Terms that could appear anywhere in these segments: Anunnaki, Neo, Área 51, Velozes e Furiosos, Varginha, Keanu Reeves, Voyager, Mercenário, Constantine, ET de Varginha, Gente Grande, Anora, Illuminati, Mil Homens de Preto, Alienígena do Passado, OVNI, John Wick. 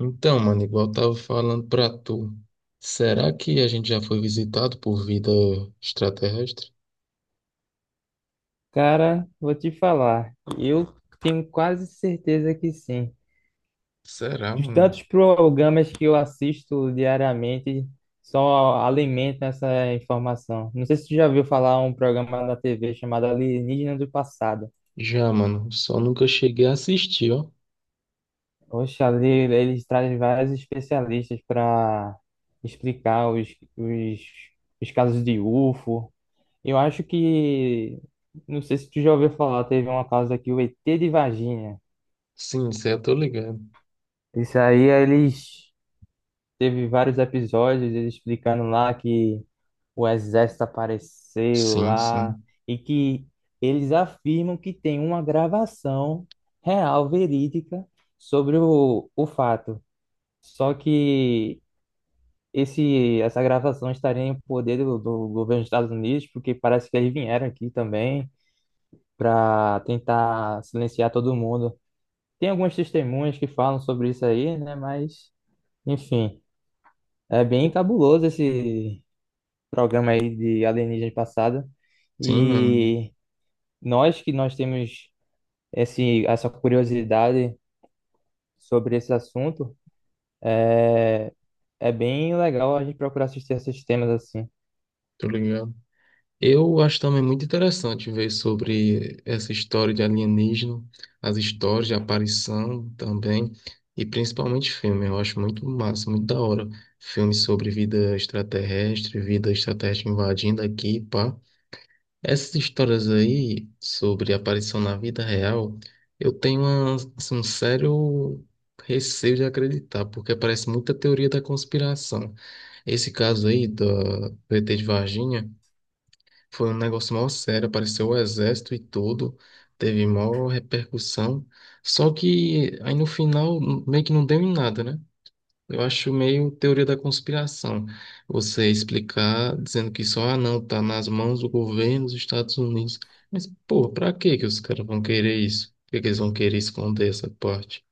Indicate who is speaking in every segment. Speaker 1: Então, mano, igual eu tava falando pra tu, será que a gente já foi visitado por vida extraterrestre?
Speaker 2: Cara, vou te falar. Eu tenho quase certeza que sim.
Speaker 1: Será,
Speaker 2: Os
Speaker 1: mano?
Speaker 2: tantos programas que eu assisto diariamente só alimentam essa informação. Não sei se tu já viu falar um programa na TV chamado Alienígena do Passado.
Speaker 1: Já, mano, só nunca cheguei a assistir, ó.
Speaker 2: Oxe, ali eles trazem vários especialistas para explicar os, os casos de UFO. Eu acho que, não sei se tu já ouviu falar, teve uma causa aqui, o ET de Varginha.
Speaker 1: Sim, isso aí eu tô ligado.
Speaker 2: Isso aí, eles teve vários episódios, eles explicando lá que o exército apareceu
Speaker 1: Sim,
Speaker 2: lá
Speaker 1: sim.
Speaker 2: e que eles afirmam que tem uma gravação real, verídica, sobre o fato. Só que essa gravação estaria em poder do governo dos Estados Unidos, porque parece que eles vieram aqui também para tentar silenciar todo mundo. Tem algumas testemunhas que falam sobre isso aí, né? Mas, enfim, é bem cabuloso esse programa aí de alienígenas passada.
Speaker 1: Sim, mano,
Speaker 2: E nós temos essa curiosidade sobre esse assunto. É bem legal a gente procurar assistir esses temas assim.
Speaker 1: tô ligado. Eu acho também muito interessante ver sobre essa história de alienígena, as histórias de aparição também, e principalmente filme. Eu acho muito massa, muito da hora. Filmes sobre vida extraterrestre invadindo aqui, pá. Essas histórias aí sobre aparição na vida real, eu tenho assim, um sério receio de acreditar, porque parece muita teoria da conspiração. Esse caso aí do ET de Varginha. Foi um negócio mal sério, apareceu o exército e tudo, teve maior repercussão. Só que aí no final meio que não deu em nada, né? Eu acho meio teoria da conspiração. Você explicar dizendo que só, ah, não, tá nas mãos do governo dos Estados Unidos. Mas, pô, pra que que os caras vão querer isso? Por que que eles vão querer esconder essa parte?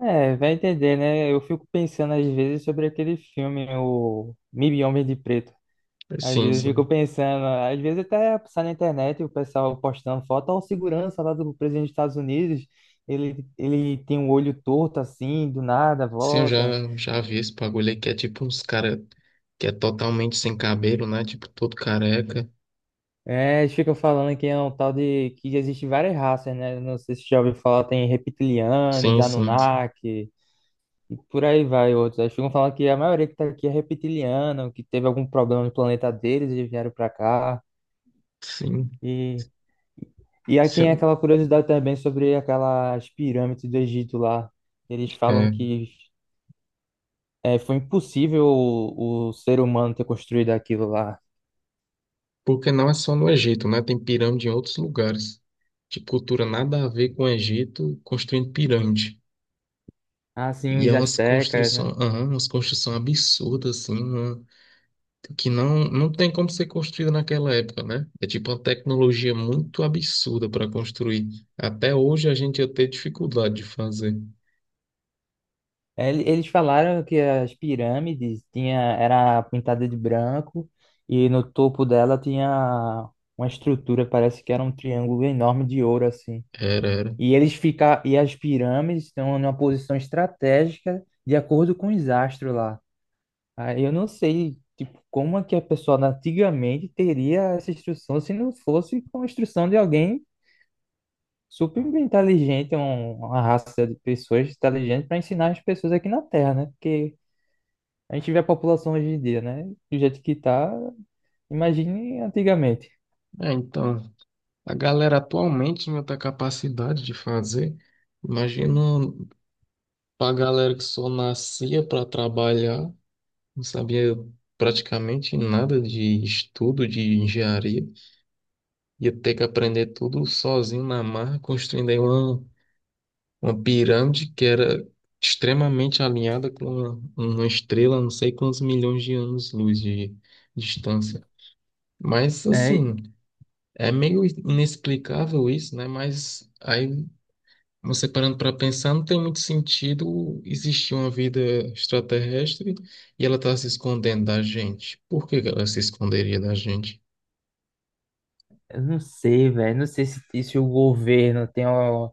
Speaker 2: É, vai entender, né? Eu fico pensando às vezes sobre aquele filme, o Mil Homens de Preto. Às
Speaker 1: Sim,
Speaker 2: vezes eu fico
Speaker 1: sim.
Speaker 2: pensando, às vezes até passar na internet o pessoal postando foto, ó, o segurança lá do presidente dos Estados Unidos, ele tem um olho torto assim, do nada,
Speaker 1: Sim, eu já,
Speaker 2: volta.
Speaker 1: já vi esse bagulho aí que é tipo uns caras que é totalmente sem cabelo, né? Tipo, todo careca.
Speaker 2: É, eles ficam falando que é um tal de que existe várias raças, né? Não sei se você já ouviu falar, tem reptilianos,
Speaker 1: Sim, sim, sim.
Speaker 2: Anunnaki e por aí vai outros. Eles ficam falando que a maioria que tá aqui é reptiliana, que teve algum problema no planeta deles e vieram pra cá.
Speaker 1: Sim,
Speaker 2: E, e aí
Speaker 1: se
Speaker 2: tem aquela curiosidade também sobre aquelas pirâmides do Egito lá. Eles falam
Speaker 1: é,
Speaker 2: que foi impossível o ser humano ter construído aquilo lá.
Speaker 1: porque não é só no Egito, né? Tem pirâmide em outros lugares. De cultura nada a ver com o Egito, construindo pirâmide.
Speaker 2: Assim,
Speaker 1: E é
Speaker 2: os astecas, né?
Speaker 1: umas construções absurdas, assim, que não tem como ser construída naquela época, né? É tipo uma tecnologia muito absurda para construir. Até hoje a gente ia ter dificuldade de fazer.
Speaker 2: É, eles falaram que as pirâmides tinha, era pintada de branco e no topo dela tinha uma estrutura, parece que era um triângulo enorme de ouro assim.
Speaker 1: Era, era.
Speaker 2: E as pirâmides estão numa posição estratégica de acordo com os astros lá. Aí eu não sei, tipo, como é que a pessoa antigamente teria essa instrução se não fosse com a instrução de alguém super inteligente, uma raça de pessoas inteligentes para ensinar as pessoas aqui na Terra, né? Porque a gente vê a população hoje em dia, né? Do jeito que tá, imagine antigamente.
Speaker 1: É, então, a galera atualmente não tem a capacidade de fazer. Imagina. Pra galera que só nascia para trabalhar, não sabia praticamente nada de estudo de engenharia, ia ter que aprender tudo sozinho na marra, construindo aí uma pirâmide que era extremamente alinhada com uma estrela, não sei quantos milhões de anos-luz de distância. Mas
Speaker 2: É,
Speaker 1: assim, é meio inexplicável isso, né? Mas aí, você parando para pensar, não tem muito sentido existir uma vida extraterrestre e ela está se escondendo da gente. Por que que ela se esconderia da gente?
Speaker 2: eu não sei, velho. Não sei se o governo tem uma...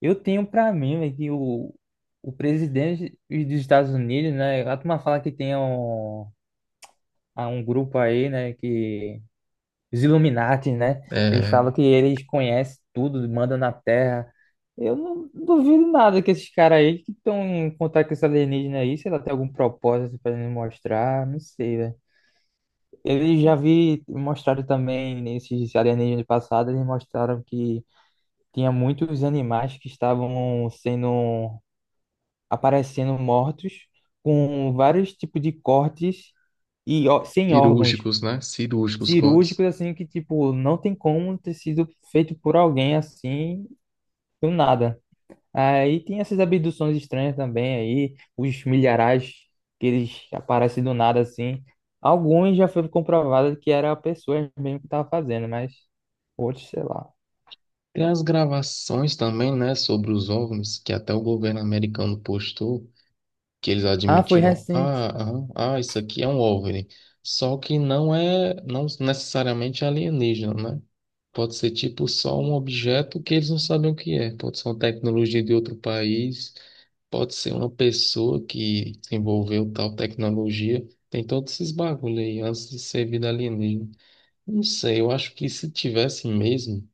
Speaker 2: Eu tenho pra mim, velho, que o presidente dos Estados Unidos, né? A turma fala que há um grupo aí, né? Que... Os Illuminati, né? Eles
Speaker 1: É,
Speaker 2: falam que eles conhecem tudo, mandam na Terra. Eu não duvido nada que esses caras aí que estão em contato com esse alienígena aí, se ela tem algum propósito pra ele mostrar, não sei, velho. Eles mostraram também nesses alienígenas passados, eles mostraram que tinha muitos animais que estavam sendo aparecendo mortos com vários tipos de cortes e sem órgãos
Speaker 1: cirúrgicos, né? Cirúrgicos cortes.
Speaker 2: cirúrgicos assim que tipo não tem como ter sido feito por alguém assim do nada. Aí tem essas abduções estranhas também aí, os milharais que eles aparecem do nada assim. Alguns já foi comprovado que era a pessoa mesmo que estava fazendo, mas outros, sei lá.
Speaker 1: Tem as gravações também, né, sobre os OVNIs, que até o governo americano postou, que eles
Speaker 2: Ah, foi
Speaker 1: admitiram,
Speaker 2: recente.
Speaker 1: isso aqui é um OVNI. Só que não é, não necessariamente alienígena, né? Pode ser tipo só um objeto que eles não sabem o que é. Pode ser uma tecnologia de outro país, pode ser uma pessoa que desenvolveu tal tecnologia. Tem todos esses bagulho aí antes de ser vida alienígena. Não sei, eu acho que se tivesse mesmo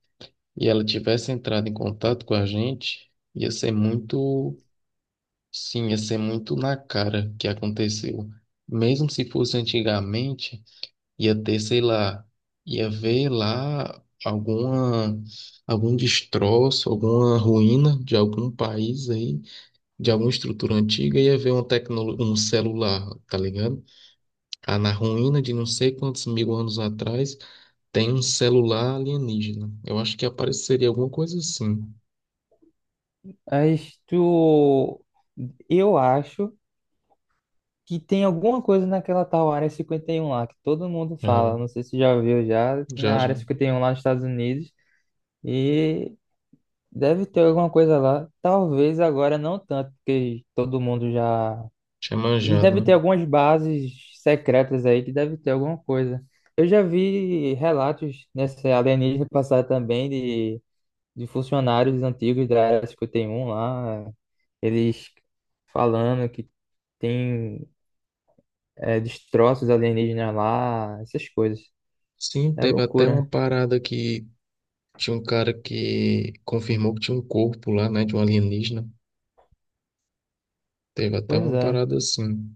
Speaker 1: e ela tivesse entrado em contato com a gente, ia ser muito. Sim, ia ser muito na cara que aconteceu. Mesmo se fosse antigamente, ia ter, sei lá, ia ver lá alguma, algum destroço, alguma ruína de algum país aí, de alguma estrutura antiga, ia ver uma um celular, tá ligado? Ah, na ruína de não sei quantos mil anos atrás, tem um celular alienígena. Eu acho que apareceria alguma coisa assim.
Speaker 2: Mas tu... Eu acho que tem alguma coisa naquela tal Área 51 lá, que todo mundo
Speaker 1: É,
Speaker 2: fala. Não sei se já viu já, tem a
Speaker 1: já, já.
Speaker 2: Área 51 lá nos Estados Unidos e deve ter alguma coisa lá. Talvez agora não tanto, porque todo mundo já...
Speaker 1: Tinha
Speaker 2: E
Speaker 1: manjado,
Speaker 2: deve
Speaker 1: né?
Speaker 2: ter algumas bases secretas aí que deve ter alguma coisa. Eu já vi relatos nessa alienígena passar também de funcionários antigos da Área 51 lá, eles falando que tem destroços alienígenas lá, essas coisas.
Speaker 1: Sim,
Speaker 2: É
Speaker 1: teve até uma
Speaker 2: loucura.
Speaker 1: parada que tinha um cara que confirmou que tinha um corpo lá, né, de um alienígena. Teve até
Speaker 2: Pois
Speaker 1: uma
Speaker 2: é.
Speaker 1: parada assim.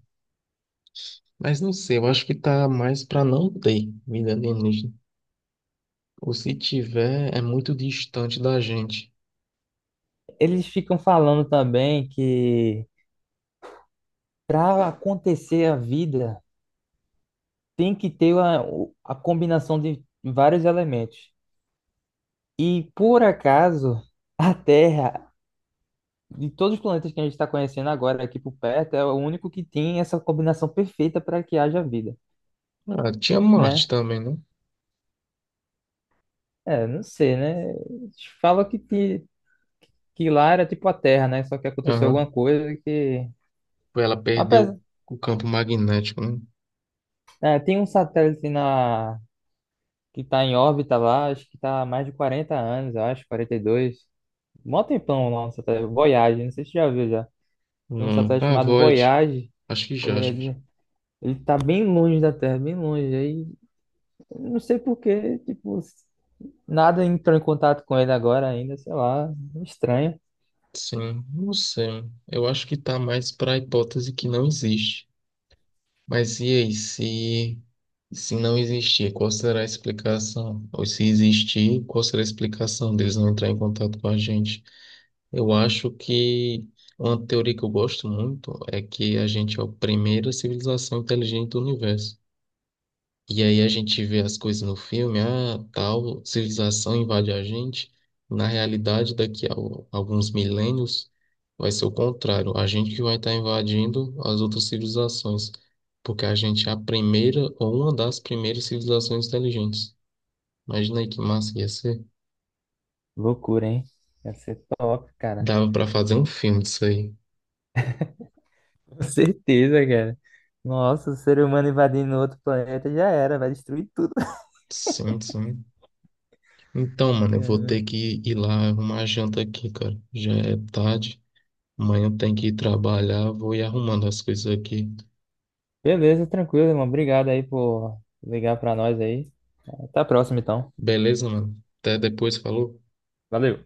Speaker 1: Mas não sei, eu acho que tá mais pra não ter vida alienígena. Ou se tiver, é muito distante da gente.
Speaker 2: Eles ficam falando também que para acontecer a vida tem que ter a combinação de vários elementos. E por acaso, a Terra, de todos os planetas que a gente está conhecendo agora aqui por perto, é o único que tem essa combinação perfeita para que haja vida,
Speaker 1: Ah, tinha Marte
Speaker 2: né?
Speaker 1: também, né?
Speaker 2: É, não sei, né? Fala que lá era tipo a Terra, né? Só que aconteceu
Speaker 1: Aham.
Speaker 2: alguma coisa que...
Speaker 1: Ela perdeu
Speaker 2: Apesar,
Speaker 1: o campo magnético, né?
Speaker 2: tem um satélite na... que está em órbita lá, acho que está há mais de 40 anos, eu acho, 42. Mó tempão lá no satélite, Voyage, não sei se você já viu já. Tem um
Speaker 1: Não.
Speaker 2: satélite
Speaker 1: Ah,
Speaker 2: chamado
Speaker 1: Void.
Speaker 2: Voyage.
Speaker 1: Acho que já, acho que.
Speaker 2: Ele tá bem longe da Terra, bem longe. Aí, não sei por quê, tipo, nada entrou em contato com ele agora ainda, sei lá. Estranho.
Speaker 1: Sim, não sei. Eu acho que tá mais pra hipótese que não existe. Mas e aí, se não existir, qual será a explicação? Ou se existir, qual será a explicação deles não entrar em contato com a gente? Eu acho que uma teoria que eu gosto muito é que a gente é a primeira civilização inteligente do universo. E aí a gente vê as coisas no filme, ah, tal civilização invade a gente. Na realidade, daqui a alguns milênios, vai ser o contrário. A gente que vai estar invadindo as outras civilizações, porque a gente é a primeira ou uma das primeiras civilizações inteligentes. Imagina aí que massa que ia ser.
Speaker 2: Loucura, hein? Ia ser top, cara.
Speaker 1: Dava pra fazer um filme disso aí.
Speaker 2: Com certeza, cara. Nossa, o ser humano invadindo outro planeta já era, vai destruir tudo.
Speaker 1: Sim, sim. Então, mano, eu vou
Speaker 2: Cara.
Speaker 1: ter que ir lá arrumar a janta aqui, cara. Já é tarde. Amanhã tem que ir trabalhar, vou ir arrumando as coisas aqui.
Speaker 2: Beleza, tranquilo, irmão. Obrigado aí por ligar pra nós aí. Até a próxima, então.
Speaker 1: Beleza, mano. Até depois, falou.
Speaker 2: Valeu.